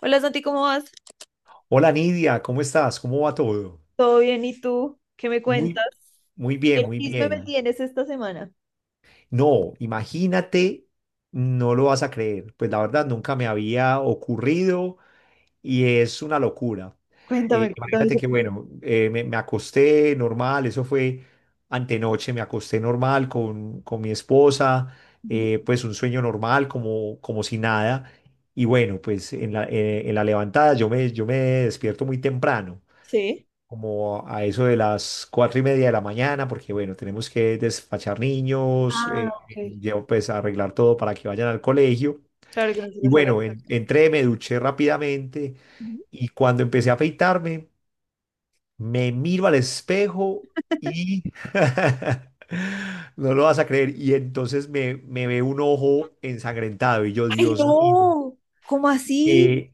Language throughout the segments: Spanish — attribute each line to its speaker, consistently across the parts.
Speaker 1: Hola Santi, ¿cómo vas?
Speaker 2: Hola Nidia, ¿cómo estás? ¿Cómo va todo?
Speaker 1: ¿Todo bien? ¿Y tú? ¿Qué me
Speaker 2: Muy,
Speaker 1: cuentas?
Speaker 2: muy
Speaker 1: ¿Qué
Speaker 2: bien, muy
Speaker 1: chisme me
Speaker 2: bien.
Speaker 1: tienes esta semana?
Speaker 2: No, imagínate, no lo vas a creer. Pues la verdad nunca me había ocurrido y es una locura.
Speaker 1: Cuéntame, cuéntame.
Speaker 2: Imagínate que bueno, me acosté normal, eso fue antenoche, me acosté normal con mi esposa,
Speaker 1: Ujú.
Speaker 2: pues un sueño normal, como si nada. Y bueno, pues en la levantada yo me despierto muy temprano,
Speaker 1: Sí.
Speaker 2: como a eso de las 4:30 de la mañana, porque bueno, tenemos que despachar niños,
Speaker 1: Ah, ok.
Speaker 2: llevo pues a arreglar todo para que vayan al colegio.
Speaker 1: Claro que no se
Speaker 2: Y
Speaker 1: les haga.
Speaker 2: bueno, entré, me duché rápidamente
Speaker 1: Ujú.
Speaker 2: y cuando empecé a afeitarme, me miro al espejo y... No lo vas a creer. Y entonces me ve un ojo ensangrentado y yo,
Speaker 1: ¡Ay,
Speaker 2: Dios mío,
Speaker 1: no! ¿Cómo así?
Speaker 2: eh,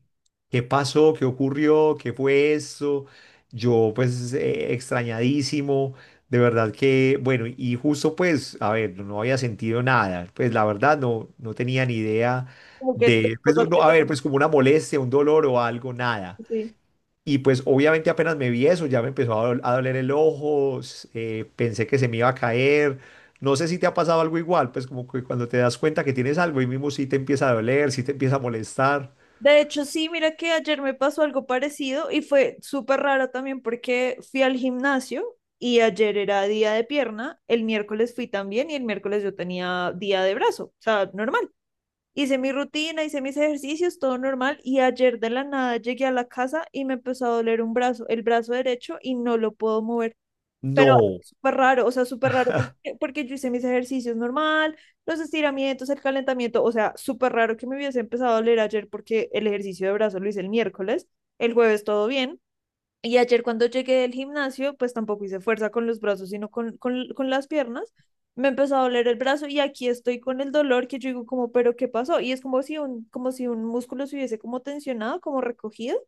Speaker 2: ¿qué pasó? ¿Qué ocurrió? ¿Qué fue esto? Yo pues extrañadísimo, de verdad que, bueno, y justo pues, a ver, no había sentido nada, pues la verdad no, no tenía ni idea
Speaker 1: Como que tu
Speaker 2: de, pues
Speaker 1: esposa
Speaker 2: no, no, a
Speaker 1: te-
Speaker 2: ver, pues como una molestia, un dolor o algo, nada.
Speaker 1: sí.
Speaker 2: Y pues obviamente apenas me vi eso, ya me empezó a doler el ojo, pensé que se me iba a caer. No sé si te ha pasado algo igual, pues como que cuando te das cuenta que tienes algo y mismo sí te empieza a doler, sí te empieza a molestar.
Speaker 1: De hecho, sí, mira que ayer me pasó algo parecido y fue súper raro también porque fui al gimnasio y ayer era día de pierna, el miércoles fui también y el miércoles yo tenía día de brazo, o sea, normal. Hice mi rutina, hice mis ejercicios, todo normal. Y ayer de la nada llegué a la casa y me empezó a doler un brazo, el brazo derecho, y no lo puedo mover. Pero
Speaker 2: No,
Speaker 1: súper raro, o sea, súper raro, porque, porque yo hice mis ejercicios normal, los estiramientos, el calentamiento, o sea, súper raro que me hubiese empezado a doler ayer porque el ejercicio de brazo lo hice el miércoles, el jueves todo bien, y ayer cuando llegué del gimnasio, pues tampoco hice fuerza con los brazos, sino con las piernas. Me empezó a doler el brazo y aquí estoy con el dolor que yo digo como, pero ¿qué pasó? Y es como si un músculo se hubiese como tensionado, como recogido,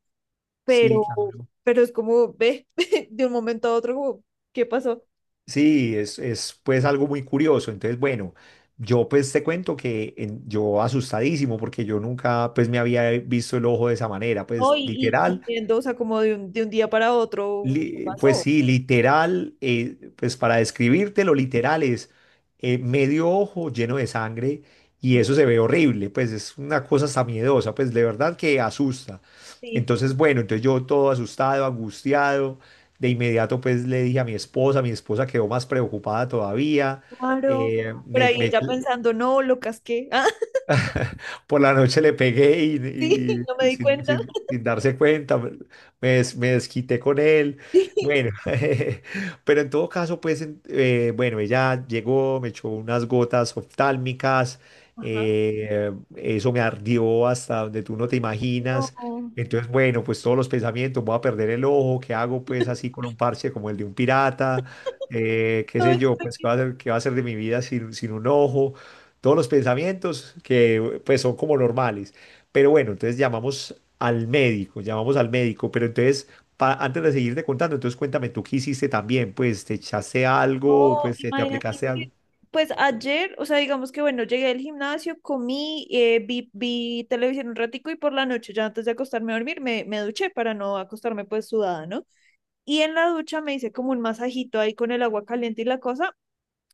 Speaker 2: sí,
Speaker 1: pero,
Speaker 2: claro.
Speaker 1: pero es como, ve, de un momento a otro, como, ¿qué pasó?
Speaker 2: Sí, es pues algo muy curioso. Entonces, bueno, yo pues te cuento que yo asustadísimo porque yo nunca pues me había visto el ojo de esa manera,
Speaker 1: No,
Speaker 2: pues
Speaker 1: y
Speaker 2: literal.
Speaker 1: corriendo, o sea, como de un día para otro, ¿qué
Speaker 2: Pues
Speaker 1: pasó?
Speaker 2: sí, literal, pues para describirte lo literal es medio ojo lleno de sangre y eso se ve horrible, pues es una cosa hasta miedosa, pues de verdad que asusta.
Speaker 1: Sí,
Speaker 2: Entonces, bueno, entonces yo todo asustado, angustiado, de inmediato pues le dije a mi esposa quedó más preocupada todavía,
Speaker 1: claro.
Speaker 2: eh,
Speaker 1: Por
Speaker 2: me,
Speaker 1: ahí
Speaker 2: me-
Speaker 1: ella pensando, no, lo casqué. Ah,
Speaker 2: por la noche le pegué y,
Speaker 1: sí, no
Speaker 2: y-
Speaker 1: me
Speaker 2: y
Speaker 1: di cuenta.
Speaker 2: sin darse cuenta, me desquité con él.
Speaker 1: Sí.
Speaker 2: Bueno, pero en todo caso, pues, bueno, ella llegó, me echó unas gotas oftálmicas,
Speaker 1: Ajá.
Speaker 2: eso me ardió hasta donde tú no te imaginas.
Speaker 1: No.
Speaker 2: Entonces, bueno, pues todos los pensamientos, voy a perder el ojo, ¿qué hago pues así con un parche como el de un pirata? Qué sé
Speaker 1: Ay,
Speaker 2: yo, pues qué va a ser, qué va a ser de mi vida sin un ojo, todos los pensamientos que pues son como normales. Pero bueno, entonces llamamos al médico, pero entonces antes de seguirte contando, entonces cuéntame tú qué hiciste también, pues te echaste
Speaker 1: no,
Speaker 2: algo, pues te
Speaker 1: imagínate
Speaker 2: aplicaste
Speaker 1: que,
Speaker 2: algo.
Speaker 1: pues ayer, o sea, digamos que bueno, llegué al gimnasio, comí, vi televisión un ratico y por la noche, ya antes de acostarme a dormir, me duché para no acostarme pues sudada, ¿no? Y en la ducha me hice como un masajito ahí con el agua caliente y la cosa,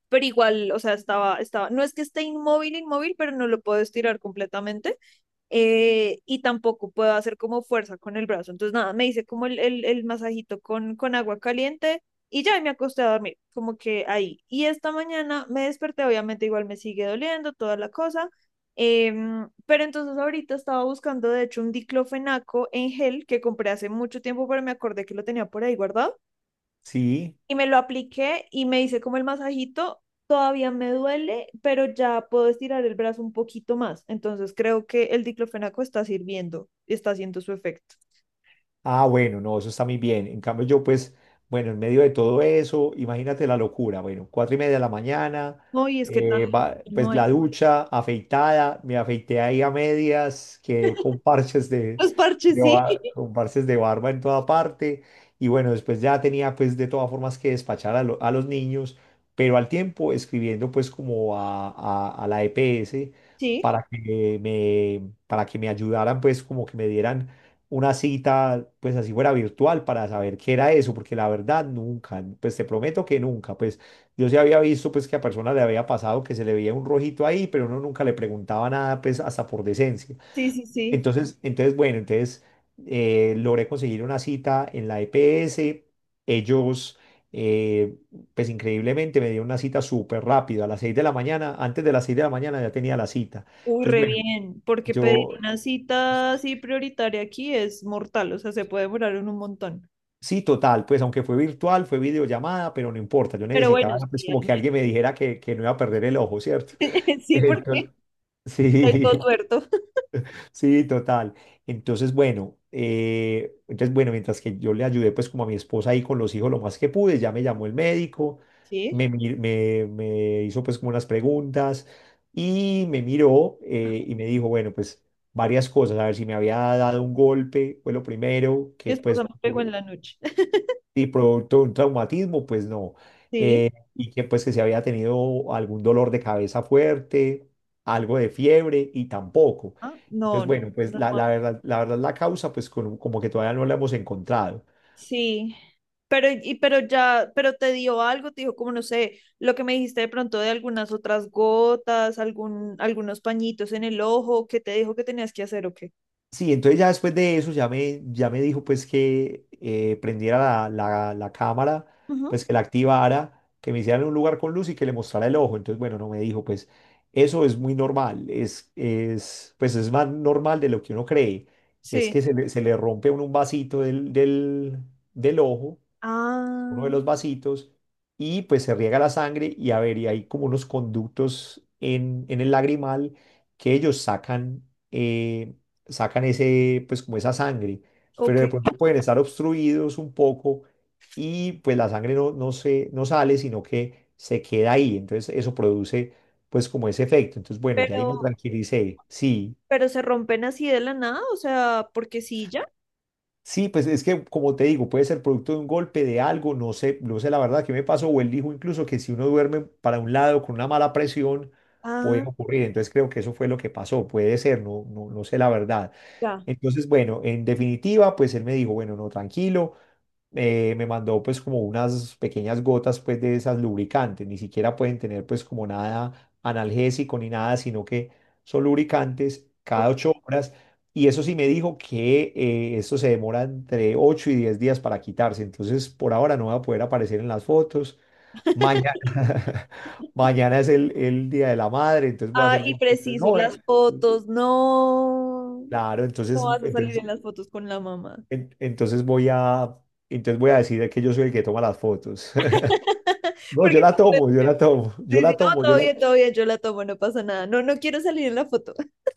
Speaker 1: pero igual, o sea, estaba, no es que esté inmóvil, inmóvil, pero no lo puedo estirar completamente y tampoco puedo hacer como fuerza con el brazo. Entonces, nada, me hice como el masajito con agua caliente y ya y me acosté a dormir, como que ahí. Y esta mañana me desperté, obviamente igual me sigue doliendo toda la cosa, pero entonces ahorita estaba buscando, de hecho, un diclofenaco en gel que compré hace mucho tiempo, pero me acordé que lo tenía por ahí guardado
Speaker 2: Sí.
Speaker 1: y me lo apliqué y me hice como el masajito, todavía me duele, pero ya puedo estirar el brazo un poquito más. Entonces creo que el diclofenaco está sirviendo, está haciendo su efecto.
Speaker 2: Ah, bueno, no, eso está muy bien. En cambio, yo pues, bueno, en medio de todo eso, imagínate la locura. Bueno, 4:30 de la mañana,
Speaker 1: No, y es que tanto que no
Speaker 2: pues
Speaker 1: hay.
Speaker 2: la ducha, afeitada, me afeité ahí a medias, quedé con parches
Speaker 1: Los parches,
Speaker 2: de
Speaker 1: sí,
Speaker 2: ba- con parches de barba en toda parte. Y bueno, después ya tenía pues de todas formas que despachar a los niños, pero al tiempo escribiendo pues como a la EPS
Speaker 1: sí,
Speaker 2: para que me ayudaran pues como que me dieran una cita, pues así fuera virtual, para saber qué era eso, porque la verdad nunca, pues te prometo que nunca, pues yo sí había visto pues que a personas le había pasado que se le veía un rojito ahí, pero uno nunca le preguntaba nada, pues hasta por decencia.
Speaker 1: sí, sí, sí.
Speaker 2: Entonces, entonces bueno, entonces logré conseguir una cita en la EPS, ellos... eh, pues increíblemente me dieron una cita súper rápido, a las 6 de la mañana, antes de las 6 de la mañana ya tenía la cita.
Speaker 1: Uy,
Speaker 2: Entonces,
Speaker 1: re
Speaker 2: bueno,
Speaker 1: bien, porque pedir
Speaker 2: yo,
Speaker 1: una cita así prioritaria aquí es mortal, o sea, se puede demorar en un montón.
Speaker 2: sí, total, pues aunque fue virtual, fue videollamada, pero no importa, yo
Speaker 1: Pero bueno,
Speaker 2: necesitaba pues
Speaker 1: sí, al
Speaker 2: como que
Speaker 1: menos-
Speaker 2: alguien me dijera que no iba a perder el ojo, ¿cierto?
Speaker 1: sí,
Speaker 2: Entonces,
Speaker 1: porque estoy todo
Speaker 2: sí,
Speaker 1: tuerto.
Speaker 2: sí, total. Entonces, bueno, mientras que yo le ayudé pues como a mi esposa ahí con los hijos lo más que pude, ya me llamó el médico,
Speaker 1: Sí,
Speaker 2: me hizo pues como unas preguntas y me miró y me dijo, bueno, pues varias cosas, a ver si me había dado un golpe, fue lo primero,
Speaker 1: mi
Speaker 2: que
Speaker 1: esposa
Speaker 2: pues
Speaker 1: me pegó en la noche.
Speaker 2: y producto de un traumatismo, pues no.
Speaker 1: Sí,
Speaker 2: Y que pues que si había tenido algún dolor de cabeza fuerte, algo de fiebre y tampoco.
Speaker 1: ah, no,
Speaker 2: Entonces,
Speaker 1: no,
Speaker 2: bueno, pues
Speaker 1: no. No.
Speaker 2: la verdad, la verdad, la causa, pues como que todavía no la hemos encontrado.
Speaker 1: Sí, pero, y, pero ya, pero te dio algo, te dijo como no sé, lo que me dijiste de pronto de algunas otras gotas, algún, algunos pañitos en el ojo, que te dijo que tenías que hacer o qué?
Speaker 2: Sí, entonces ya después de eso ya ya me dijo pues que prendiera la cámara,
Speaker 1: Ujú.
Speaker 2: pues que la activara, que me hiciera en un lugar con luz y que le mostrara el ojo. Entonces, bueno, no me dijo pues eso es muy normal, es, pues es más normal de lo que uno cree. Es
Speaker 1: Sí.
Speaker 2: que se le rompe a uno un vasito del, del ojo, uno
Speaker 1: Ah,
Speaker 2: de los vasitos, y pues se riega la sangre y a ver, y hay como unos conductos en el lagrimal que ellos sacan, eh, sacan ese, pues como esa sangre, pero
Speaker 1: ok.
Speaker 2: de pronto pueden estar obstruidos un poco y pues la sangre no sale, sino que se queda ahí, entonces eso produce pues como ese efecto, entonces bueno, ya
Speaker 1: Pero,
Speaker 2: ahí me tranquilicé, sí.
Speaker 1: pero se rompen así de la nada, o sea, porque sí, ya.
Speaker 2: Sí, pues es que, como te digo, puede ser producto de un golpe, de algo, no sé, no sé la verdad qué me pasó, o él dijo incluso que si uno duerme para un lado con una mala presión, puede
Speaker 1: Ah,
Speaker 2: ocurrir, entonces creo que eso fue lo que pasó, puede ser, no, no, no sé la verdad.
Speaker 1: ya.
Speaker 2: Entonces, bueno, en definitiva, pues él me dijo, bueno, no, tranquilo, me mandó pues como unas pequeñas gotas pues de esas lubricantes, ni siquiera pueden tener pues como nada analgésico ni nada, sino que son lubricantes
Speaker 1: Ok.
Speaker 2: cada 8 horas. Y eso sí me dijo que esto se demora entre 8 y 10 días para quitarse, entonces por ahora no va a poder aparecer en las fotos. Mañana, mañana es el Día de la Madre, entonces voy a
Speaker 1: Ah,
Speaker 2: hacer...
Speaker 1: y preciso,
Speaker 2: No,
Speaker 1: las fotos, no.
Speaker 2: claro,
Speaker 1: No
Speaker 2: entonces,
Speaker 1: vas a salir
Speaker 2: entonces
Speaker 1: en las fotos con la mamá.
Speaker 2: en- entonces voy a, entonces voy a decir que yo soy el que toma las fotos. No,
Speaker 1: Porque
Speaker 2: yo la
Speaker 1: no te-
Speaker 2: tomo, yo la tomo, yo
Speaker 1: Sí, sí,
Speaker 2: la
Speaker 1: no,
Speaker 2: tomo, yo la...
Speaker 1: todo bien, yo la tomo, no pasa nada. No, no quiero salir en la foto.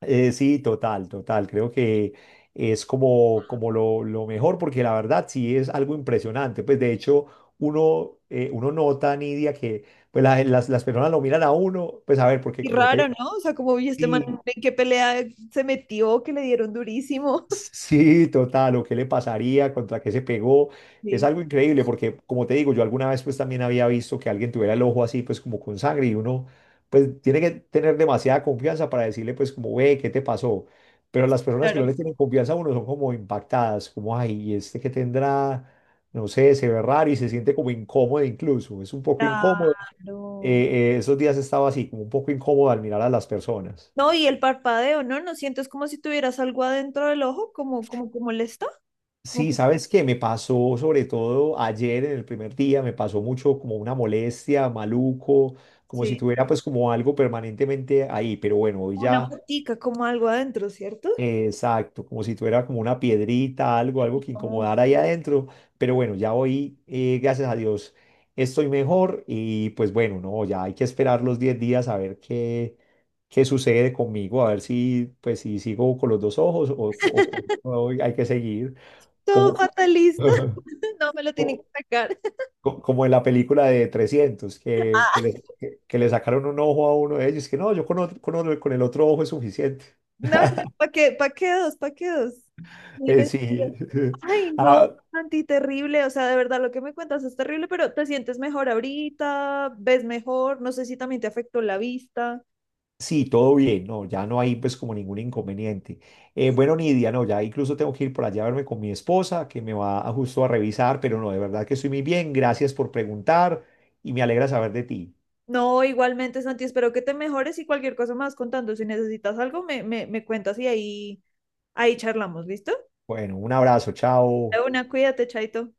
Speaker 2: Sí, total, total. Creo que es como, como lo mejor, porque la verdad sí es algo impresionante. Pues de hecho, uno, uno nota, Nidia, que pues, las personas lo miran a uno, pues a ver, porque
Speaker 1: Y
Speaker 2: como
Speaker 1: raro, ¿no?
Speaker 2: te...
Speaker 1: O sea, como vi este man
Speaker 2: Sí,
Speaker 1: en qué pelea se metió, que le dieron durísimo.
Speaker 2: sí, total, o qué le pasaría, contra qué se pegó. Es
Speaker 1: Sí,
Speaker 2: algo increíble porque, como te digo, yo alguna vez pues también había visto que alguien tuviera el ojo así pues como con sangre y uno pues tiene que tener demasiada confianza para decirle pues como, ve, ¿qué te pasó? Pero las personas que
Speaker 1: claro.
Speaker 2: no le tienen confianza a uno son como impactadas, como, ay, ¿y este que tendrá, no sé, se ve raro y se siente como incómodo incluso, es un poco incómodo.
Speaker 1: Claro.
Speaker 2: Esos días estaba así, como un poco incómodo al mirar a las personas.
Speaker 1: No, y el parpadeo, ¿no? ¿No sientes como si tuvieras algo adentro del ojo? Como, como, como molesta. Como
Speaker 2: Sí,
Speaker 1: que,
Speaker 2: ¿sabes qué? Me pasó sobre todo ayer en el primer día, me pasó mucho como una molestia, maluco, como si
Speaker 1: sí.
Speaker 2: tuviera pues como algo permanentemente ahí, pero bueno, hoy
Speaker 1: Como una
Speaker 2: ya,
Speaker 1: motica, como algo adentro, ¿cierto?
Speaker 2: exacto, como si tuviera como una piedrita, algo, algo que
Speaker 1: Como
Speaker 2: incomodara ahí adentro, pero bueno, ya hoy, gracias a Dios, estoy mejor y pues bueno, no, ya hay que esperar los 10 días a ver qué, qué sucede conmigo, a ver si pues si sigo con los dos ojos o hay que seguir.
Speaker 1: Todo
Speaker 2: Cómo
Speaker 1: fatalista. No me lo tienen que
Speaker 2: co-
Speaker 1: sacar.
Speaker 2: como en la película de 300 que le sacaron un ojo a uno de ellos, que no, yo con el otro ojo es suficiente.
Speaker 1: No, ¿para qué? ¿Para qué dos? ¿Para qué dos? No hay necesidad.
Speaker 2: Sí,
Speaker 1: Ay, no,
Speaker 2: ah,
Speaker 1: Santi, terrible. O sea, de verdad, lo que me cuentas es terrible, pero te sientes mejor ahorita, ves mejor, no sé si también te afectó la vista.
Speaker 2: sí, todo bien, no, ya no hay pues como ningún inconveniente.
Speaker 1: Ok.
Speaker 2: Bueno, Nidia, no, ya incluso tengo que ir por allá a verme con mi esposa, que me va a, justo a revisar, pero no, de verdad que estoy muy bien, gracias por preguntar y me alegra saber de ti.
Speaker 1: No, igualmente, Santi, espero que te mejores y cualquier cosa más contando. Si necesitas algo, me cuentas y ahí, ahí charlamos, ¿listo?
Speaker 2: Bueno, un abrazo,
Speaker 1: De
Speaker 2: chao.
Speaker 1: una, cuídate, Chaito.